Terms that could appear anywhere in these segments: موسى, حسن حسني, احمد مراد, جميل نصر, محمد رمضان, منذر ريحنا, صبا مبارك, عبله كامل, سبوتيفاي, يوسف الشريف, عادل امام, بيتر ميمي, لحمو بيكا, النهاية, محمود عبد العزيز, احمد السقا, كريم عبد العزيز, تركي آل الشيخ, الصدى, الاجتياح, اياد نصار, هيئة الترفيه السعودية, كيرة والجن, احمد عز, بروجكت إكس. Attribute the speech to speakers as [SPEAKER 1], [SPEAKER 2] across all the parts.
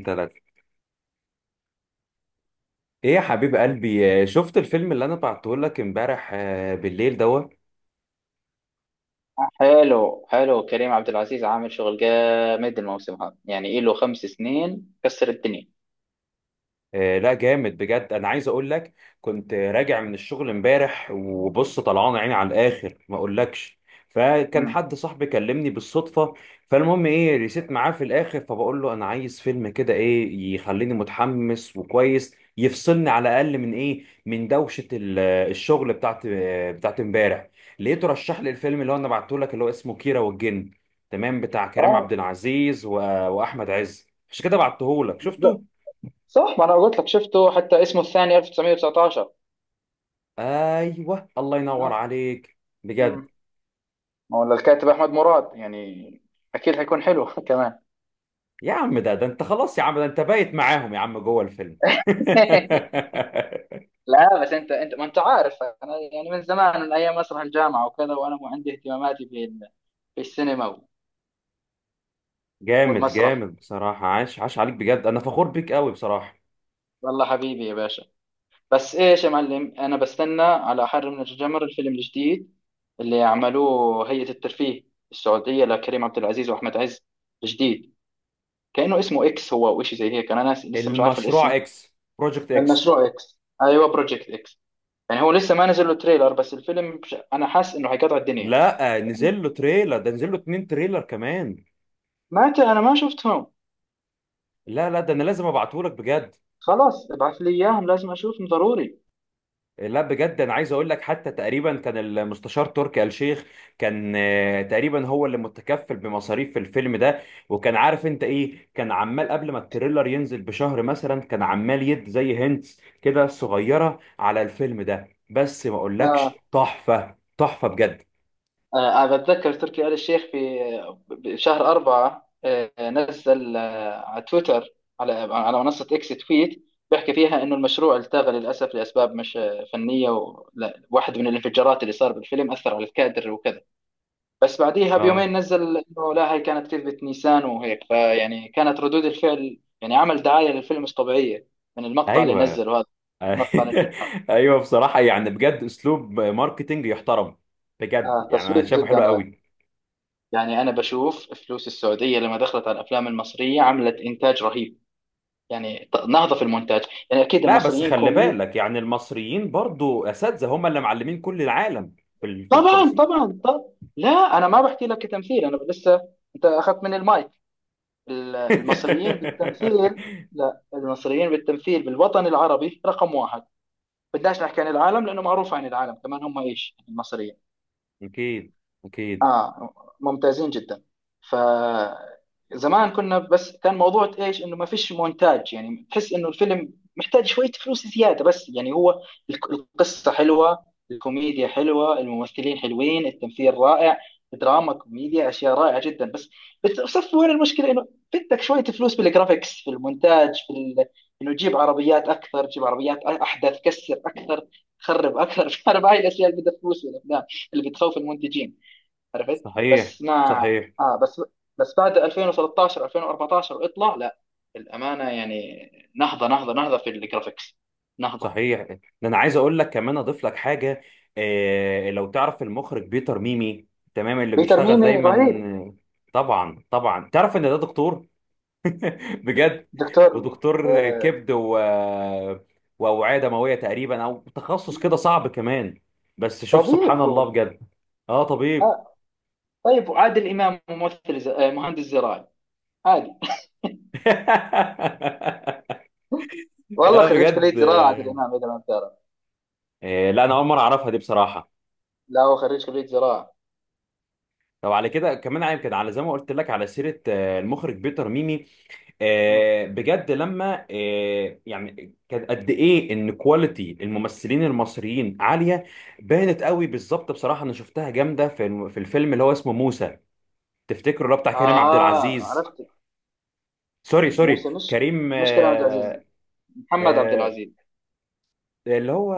[SPEAKER 1] ثلاثة. ايه يا حبيب قلبي، شفت الفيلم اللي انا بعته لك امبارح، بالليل دوت.
[SPEAKER 2] حلو حلو كريم عبد العزيز عامل شغل جامد. الموسم هذا يعني له 5 سنين كسر الدنيا.
[SPEAKER 1] لا جامد بجد، انا عايز اقول لك. كنت راجع من الشغل امبارح وبص طلعان عيني على الاخر ما اقولكش. فكان
[SPEAKER 2] مم.
[SPEAKER 1] حد صاحبي كلمني بالصدفه. فالمهم ايه، ريسيت معاه في الاخر، فبقول له انا عايز فيلم كده ايه يخليني متحمس وكويس يفصلني على الاقل من ايه، من دوشه الشغل بتاعت امبارح. لقيته رشح لي الفيلم اللي هو انا بعته لك، اللي هو اسمه كيرة والجن. تمام، بتاع كريم عبد
[SPEAKER 2] اه،
[SPEAKER 1] العزيز واحمد عز، عشان كده بعته لك شفته.
[SPEAKER 2] بالظبط. صح، ما انا قلت لك شفته، حتى اسمه الثاني 1919.
[SPEAKER 1] ايوه الله ينور
[SPEAKER 2] اه.
[SPEAKER 1] عليك، بجد.
[SPEAKER 2] مم. ما هو الكاتب احمد مراد، يعني اكيد حيكون حلو كمان.
[SPEAKER 1] يا عم ده انت خلاص، يا عم ده انت بايت معاهم يا عم جوه الفيلم.
[SPEAKER 2] لا بس انت ما انت عارف، انا يعني من زمان، من ايام مسرح الجامعه وكذا، وانا مو عندي اهتماماتي في في السينما
[SPEAKER 1] جامد
[SPEAKER 2] والمسرح.
[SPEAKER 1] جامد بصراحة، عاش عاش عليك بجد، أنا فخور بيك قوي بصراحة.
[SPEAKER 2] والله حبيبي يا باشا. بس ايش يا معلم، انا بستنى على حر من الجمر الفيلم الجديد اللي عملوه هيئة الترفيه السعودية لكريم عبد العزيز واحمد عز الجديد. كأنه اسمه اكس هو او شيء زي هيك، انا ناس لسه مش عارف الاسم.
[SPEAKER 1] المشروع إكس، بروجكت إكس.
[SPEAKER 2] المشروع اكس، ايوه، بروجكت اكس. يعني هو لسه ما نزل له تريلر، بس الفيلم انا حاسس انه حيقطع الدنيا.
[SPEAKER 1] لا
[SPEAKER 2] يعني
[SPEAKER 1] نزل له تريلر، ده نزل له اتنين تريلر كمان.
[SPEAKER 2] ما ت- انا ما شفتهم.
[SPEAKER 1] لا، ده أنا لازم أبعته لك بجد.
[SPEAKER 2] خلاص، ابعث لي اياهم، لازم اشوفهم ضروري.
[SPEAKER 1] لا بجد انا عايز اقول لك. حتى تقريبا كان المستشار تركي آل الشيخ كان، تقريبا هو اللي متكفل بمصاريف الفيلم ده. وكان عارف انت ايه، كان عمال قبل ما التريلر ينزل بشهر مثلا، كان عمال يد زي هنتس كده صغيرة على الفيلم ده، بس ما اقولكش تحفة تحفة بجد.
[SPEAKER 2] أنا بتذكر تركي آل الشيخ في بشهر 4، نزل على تويتر، على منصة إكس تويت، بيحكي فيها إنه المشروع التغى للأسف لأسباب مش فنية، ولا واحد من الانفجارات اللي صار بالفيلم أثر على الكادر وكذا. بس بعديها
[SPEAKER 1] اه،
[SPEAKER 2] بيومين نزل إنه لا، هي كانت كذبة نيسان، وهيك فيعني كانت ردود الفعل يعني عمل دعاية للفيلم مش طبيعية. من المقطع اللي
[SPEAKER 1] ايوه.
[SPEAKER 2] نزله هذا، مقطع الانفجار.
[SPEAKER 1] ايوه، بصراحة يعني بجد اسلوب ماركتينج يحترم، بجد يعني انا
[SPEAKER 2] تصوير
[SPEAKER 1] شايفه
[SPEAKER 2] جدا
[SPEAKER 1] حلو
[SPEAKER 2] رائع.
[SPEAKER 1] قوي.
[SPEAKER 2] يعني أنا بشوف فلوس السعودية لما دخلت على الأفلام المصرية عملت إنتاج رهيب. يعني نهضة في المونتاج. يعني أكيد
[SPEAKER 1] لا بس
[SPEAKER 2] المصريين
[SPEAKER 1] خلي
[SPEAKER 2] كومي.
[SPEAKER 1] بالك، يعني المصريين برضو اساتذه، هم اللي معلمين كل العالم في في
[SPEAKER 2] طبعا
[SPEAKER 1] التمثيل.
[SPEAKER 2] طبعا طبعا. لا، أنا ما بحكي لك كتمثيل، أنا لسه. أنت أخذت من المايك المصريين بالتمثيل. لا، المصريين بالتمثيل بالوطن العربي رقم واحد. بدناش نحكي عن العالم، لأنه معروف عن العالم كمان هم إيش المصريين.
[SPEAKER 1] اكيد اكيد.
[SPEAKER 2] اه، ممتازين جدا. ف، زمان كنا بس كان موضوع ايش انه ما فيش مونتاج، يعني تحس انه الفيلم محتاج شوية فلوس زيادة، بس يعني هو القصة حلوة، الكوميديا حلوة، الممثلين حلوين، التمثيل رائع. دراما كوميديا اشياء رائعة جدا، بس بتصف وين المشكلة، انه بدك شوية فلوس في الجرافيكس، في المونتاج، في ال... انه جيب عربيات اكثر، جيب عربيات احدث، كسر اكثر، خرب اكثر فاهم هاي الاشياء اللي بدها فلوس في الافلام اللي بتخوف المنتجين، عرفت.
[SPEAKER 1] صحيح
[SPEAKER 2] بس مع،
[SPEAKER 1] صحيح
[SPEAKER 2] اه، بس، بس بعد 2013 2014 اطلع لا، الامانه يعني، نهضه نهضه نهضه في الجرافيكس، نهضه،
[SPEAKER 1] صحيح. ده انا عايز اقول لك كمان اضيف لك حاجه. آه لو تعرف المخرج بيتر ميمي، تمام، اللي
[SPEAKER 2] في
[SPEAKER 1] بيشتغل
[SPEAKER 2] ترميمي رهيب.
[SPEAKER 1] دايما. طبعا طبعا، تعرف ان ده دكتور، بجد،
[SPEAKER 2] دكتور.
[SPEAKER 1] ودكتور
[SPEAKER 2] آه
[SPEAKER 1] كبد و... واوعيه دمويه تقريبا، او تخصص كده صعب كمان. بس شوف سبحان
[SPEAKER 2] طبيب
[SPEAKER 1] الله
[SPEAKER 2] هو.
[SPEAKER 1] بجد. اه طبيب.
[SPEAKER 2] آه طيب، وعادل امام ممثل ز... مهندس زراعي عادي. والله
[SPEAKER 1] يا
[SPEAKER 2] خريج
[SPEAKER 1] بجد.
[SPEAKER 2] كليه زراعه عادل امام اذا ما بتعرف.
[SPEAKER 1] لا انا اول مره اعرفها دي بصراحه.
[SPEAKER 2] لا هو خريج كليه زراعه.
[SPEAKER 1] طب على كده كمان يمكن، على زي ما قلت لك، على سيره المخرج بيتر ميمي،
[SPEAKER 2] مم.
[SPEAKER 1] بجد لما، يعني كان قد ايه ان كواليتي الممثلين المصريين عاليه، بانت قوي بالظبط بصراحه. انا شفتها جامده في الفيلم اللي هو اسمه موسى. تفتكروا اللي هو بتاع كريم عبد
[SPEAKER 2] اه،
[SPEAKER 1] العزيز،
[SPEAKER 2] عرفت.
[SPEAKER 1] سوري
[SPEAKER 2] موسى،
[SPEAKER 1] سوري كريم،
[SPEAKER 2] مشكلة عبد العزيز، محمد عبد
[SPEAKER 1] آه،
[SPEAKER 2] العزيز.
[SPEAKER 1] اللي هو،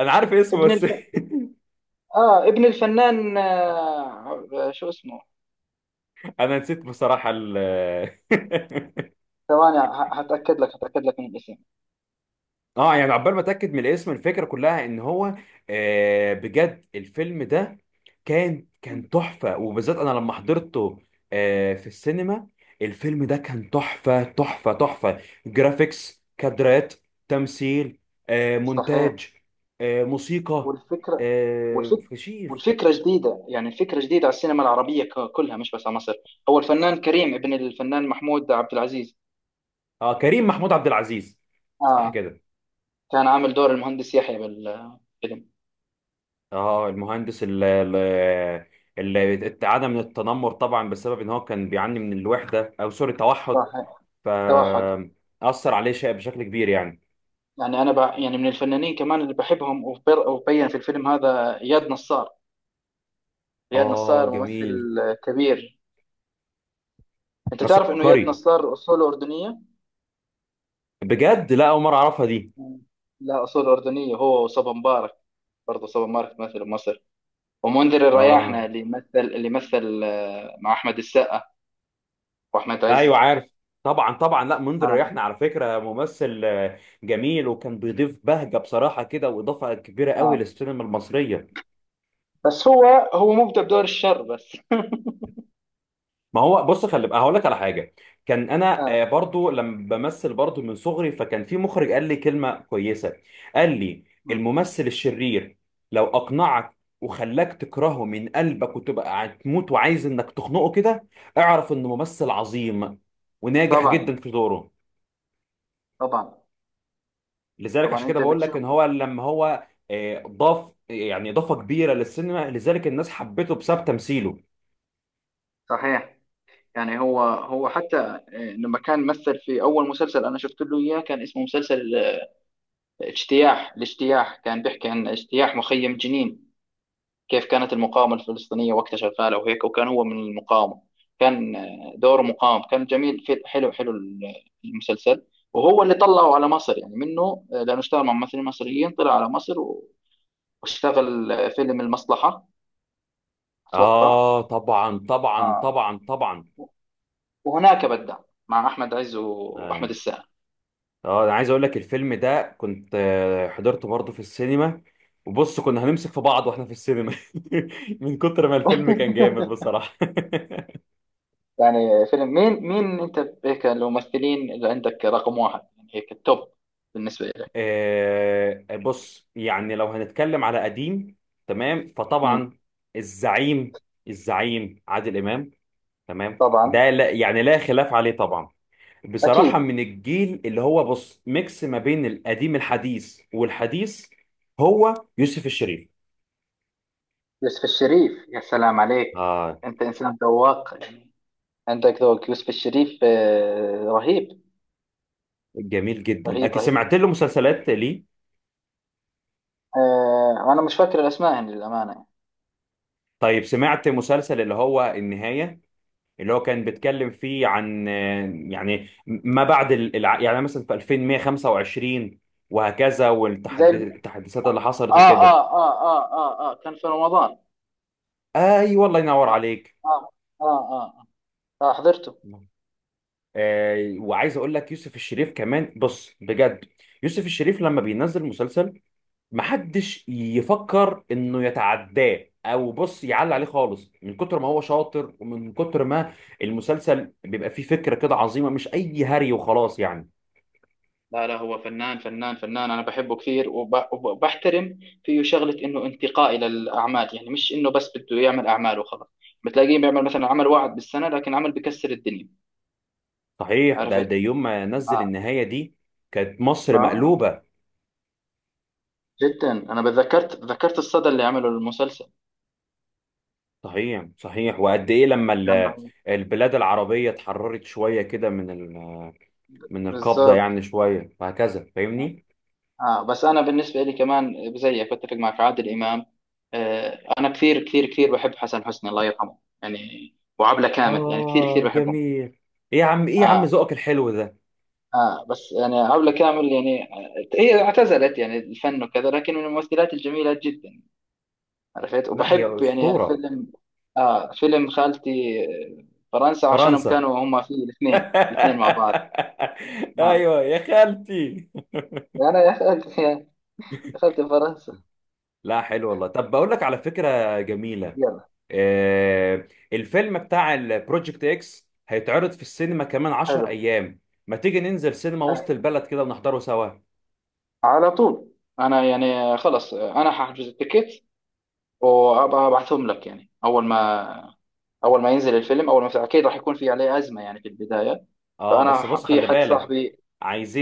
[SPEAKER 1] انا عارف اسمه
[SPEAKER 2] ابن
[SPEAKER 1] بس.
[SPEAKER 2] الف... اه، ابن الفنان، شو اسمه.
[SPEAKER 1] انا نسيت بصراحه ال
[SPEAKER 2] ثواني، هتأكد لك من الاسم.
[SPEAKER 1] اه، يعني عقبال ما اتاكد من الاسم، الفكره كلها ان هو آه بجد الفيلم ده كان
[SPEAKER 2] مم.
[SPEAKER 1] تحفه، وبالذات انا لما حضرته آه في السينما. الفيلم ده كان تحفه تحفه تحفه، جرافيكس، كادرات، تمثيل، آه
[SPEAKER 2] صحيح.
[SPEAKER 1] مونتاج، آه موسيقى،
[SPEAKER 2] والفكرة،
[SPEAKER 1] آه
[SPEAKER 2] والفك
[SPEAKER 1] فشيخ.
[SPEAKER 2] والفكرة جديدة، يعني الفكرة جديدة على السينما العربية كلها مش بس على مصر. هو الفنان كريم ابن الفنان محمود عبد العزيز.
[SPEAKER 1] اه كريم محمود عبد العزيز، صح
[SPEAKER 2] اه.
[SPEAKER 1] كده.
[SPEAKER 2] كان عامل دور المهندس يحيى بالفيلم.
[SPEAKER 1] اه المهندس، اللي اللي اتعدى من التنمر طبعا بسبب ان هو كان بيعاني من الوحده، او سوري التوحد.
[SPEAKER 2] صحيح. توحد.
[SPEAKER 1] فأثر عليه شيء بشكل كبير يعني.
[SPEAKER 2] يعني انا ب... يعني من الفنانين كمان اللي بحبهم وبر... وبين في الفيلم هذا اياد نصار. اياد
[SPEAKER 1] اه
[SPEAKER 2] نصار
[SPEAKER 1] جميل.
[SPEAKER 2] ممثل كبير. انت
[SPEAKER 1] نصر
[SPEAKER 2] تعرف انه اياد
[SPEAKER 1] عبقري،
[SPEAKER 2] نصار اصوله اردنية.
[SPEAKER 1] بجد. لا أول مرة أعرفها دي.
[SPEAKER 2] مم. لا، أصول أردنية، هو وصبا مبارك. برضه صبا مبارك مثل مصر. ومنذر الرياحنة
[SPEAKER 1] اه.
[SPEAKER 2] اللي مثل مع أحمد السقا وأحمد
[SPEAKER 1] أيوه
[SPEAKER 2] عز.
[SPEAKER 1] عارف. طبعا طبعا، لا منذر
[SPEAKER 2] آه.
[SPEAKER 1] ريحنا على فكرة ممثل جميل، وكان بيضيف بهجة بصراحة كده، وإضافة كبيرة قوي
[SPEAKER 2] آه،
[SPEAKER 1] للسينما المصرية.
[SPEAKER 2] بس هو مبدع بدور الشر بس.
[SPEAKER 1] ما هو بص، خلي بقى هقول لك على حاجه. كان انا
[SPEAKER 2] آه.
[SPEAKER 1] برضو لما بمثل برضو من صغري، فكان في مخرج قال لي كلمه كويسه. قال لي
[SPEAKER 2] مم.
[SPEAKER 1] الممثل الشرير لو اقنعك وخلاك تكرهه من قلبك، وتبقى هتموت وعايز انك تخنقه كده، اعرف انه ممثل عظيم وناجح
[SPEAKER 2] طبعا
[SPEAKER 1] جدا في دوره.
[SPEAKER 2] طبعا
[SPEAKER 1] لذلك عشان
[SPEAKER 2] طبعا.
[SPEAKER 1] كده
[SPEAKER 2] أنت
[SPEAKER 1] بقول لك ان
[SPEAKER 2] بتشوف.
[SPEAKER 1] هو لما هو ضاف يعني اضافه كبيره للسينما، لذلك الناس حبته بسبب تمثيله.
[SPEAKER 2] صحيح. يعني هو حتى لما كان مثل في أول مسلسل أنا شفت له إياه كان اسمه مسلسل الاجتياح كان بيحكي عن اجتياح مخيم جنين. كيف كانت المقاومة الفلسطينية وقتها شغالة وهيك، وكان هو من المقاومة. كان دوره مقاوم، كان جميل، في حلو حلو المسلسل. وهو اللي طلعه على مصر يعني منه، لأنه اشتغل مع ممثلين مصريين طلع على مصر واشتغل فيلم المصلحة أتوقع.
[SPEAKER 1] اه طبعا طبعا
[SPEAKER 2] آه.
[SPEAKER 1] طبعا طبعا.
[SPEAKER 2] وهناك بدأ مع أحمد عز
[SPEAKER 1] آه.
[SPEAKER 2] وأحمد السقا.
[SPEAKER 1] اه انا عايز اقول لك الفيلم ده كنت حضرته برضه في السينما. وبص كنا هنمسك في بعض واحنا في السينما. من كتر ما الفيلم كان جامد بصراحة.
[SPEAKER 2] يعني فيلم مين أنت، هيك الممثلين اللي عندك رقم واحد، يعني هيك التوب بالنسبة لك.
[SPEAKER 1] بص يعني لو هنتكلم على قديم، تمام،
[SPEAKER 2] مم.
[SPEAKER 1] فطبعا الزعيم، الزعيم عادل امام، تمام،
[SPEAKER 2] طبعا.
[SPEAKER 1] ده لا يعني لا خلاف عليه طبعا. بصراحة
[SPEAKER 2] أكيد.
[SPEAKER 1] من الجيل اللي هو بص ميكس ما بين القديم الحديث والحديث، هو يوسف الشريف.
[SPEAKER 2] يوسف الشريف، يا سلام عليك.
[SPEAKER 1] آه،
[SPEAKER 2] انت انسان ذواق يعني. عندك ذوق، يوسف الشريف رهيب،
[SPEAKER 1] جميل جدا
[SPEAKER 2] رهيب
[SPEAKER 1] اكيد،
[SPEAKER 2] رهيب.
[SPEAKER 1] سمعت له مسلسلات ليه.
[SPEAKER 2] وانا مش فاكر الاسماء يعني للامانه.
[SPEAKER 1] طيب سمعت مسلسل اللي هو النهاية، اللي هو كان بيتكلم فيه عن يعني ما بعد يعني مثلا في 2125 وهكذا،
[SPEAKER 2] زي الم...
[SPEAKER 1] والتحديثات اللي حصلت وكده.
[SPEAKER 2] كان في رمضان.
[SPEAKER 1] ايوه والله ينور
[SPEAKER 2] اه
[SPEAKER 1] عليك.
[SPEAKER 2] اه اه, آه حضرته.
[SPEAKER 1] آه، وعايز اقول لك يوسف الشريف كمان بص بجد. يوسف الشريف لما بينزل مسلسل، محدش يفكر انه يتعداه او بص يعلي عليه خالص، من كتر ما هو شاطر، ومن كتر ما المسلسل بيبقى فيه فكرة كده عظيمة، مش اي هري وخلاص يعني.
[SPEAKER 2] لا لا، هو فنان فنان فنان، انا بحبه كثير، وبحترم فيه شغله انه انتقائي للاعمال، يعني مش انه بس بده يعمل اعمال وخلاص. بتلاقيه بيعمل مثلا عمل واحد بالسنه، لكن عمل بكسر الدنيا.
[SPEAKER 1] صحيح. ده
[SPEAKER 2] عرفت؟
[SPEAKER 1] يوم ما نزل النهاية دي كانت مصر
[SPEAKER 2] اه،
[SPEAKER 1] مقلوبة.
[SPEAKER 2] جدا، انا ذكرت الصدى اللي عمله المسلسل،
[SPEAKER 1] صحيح صحيح. وقد ايه لما
[SPEAKER 2] كان رهيب.
[SPEAKER 1] البلاد العربية اتحررت شوية كده من من القبضة
[SPEAKER 2] بالظبط.
[SPEAKER 1] يعني شوية وهكذا، فاهمني؟
[SPEAKER 2] بس انا بالنسبه لي كمان زيك بتفق معك عادل امام. انا كثير كثير كثير بحب حسن حسني الله يرحمه يعني، وعبله كامل يعني كثير
[SPEAKER 1] آه
[SPEAKER 2] كثير بحبهم.
[SPEAKER 1] جميل. ايه يا عم، ايه يا عم
[SPEAKER 2] اه.
[SPEAKER 1] ذوقك الحلو ده؟
[SPEAKER 2] اه، بس يعني عبله كامل يعني هي اعتزلت يعني الفن وكذا، لكن من الممثلات الجميله جدا. عرفت،
[SPEAKER 1] لا هي
[SPEAKER 2] وبحب يعني
[SPEAKER 1] أسطورة.
[SPEAKER 2] فيلم. اه، فيلم خالتي آه، فرنسا، عشانهم
[SPEAKER 1] فرنسا.
[SPEAKER 2] كانوا هم فيه الاثنين الاثنين مع بعض. آه.
[SPEAKER 1] ايوه يا خالتي.
[SPEAKER 2] انا يا اخي دخلت فرنسا.
[SPEAKER 1] لا حلو والله. طب بقول لك على فكره جميله.
[SPEAKER 2] يلا.
[SPEAKER 1] آه الفيلم بتاع البروجكت اكس هيتعرض في السينما كمان 10
[SPEAKER 2] حلو.
[SPEAKER 1] ايام. ما تيجي ننزل سينما
[SPEAKER 2] ها،.
[SPEAKER 1] وسط البلد كده ونحضره سوا؟
[SPEAKER 2] على طول. انا يعني خلص، انا هحجز التيكت وابقى ابعتهم لك، يعني اول ما، اول ما ينزل الفيلم، اول ما، اكيد راح يكون في عليه ازمه يعني في البدايه.
[SPEAKER 1] اه بس بص
[SPEAKER 2] في
[SPEAKER 1] خلي
[SPEAKER 2] حد
[SPEAKER 1] بالك،
[SPEAKER 2] صاحبي،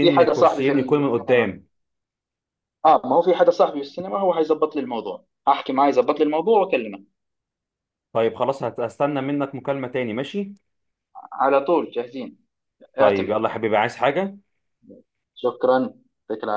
[SPEAKER 2] في حدا صاحبي في
[SPEAKER 1] كرسيين يكون من
[SPEAKER 2] السينما.
[SPEAKER 1] قدام.
[SPEAKER 2] اه، ما هو في حدا صاحبي في السينما، هو حيظبط لي الموضوع، احكي معاه يظبط لي الموضوع واكلمك.
[SPEAKER 1] طيب خلاص، هستنى منك مكالمه تاني ماشي.
[SPEAKER 2] على طول جاهزين.
[SPEAKER 1] طيب
[SPEAKER 2] اعتمد.
[SPEAKER 1] يلا يا حبيبي، عايز حاجه؟
[SPEAKER 2] شكرا. يعطيك العافيه.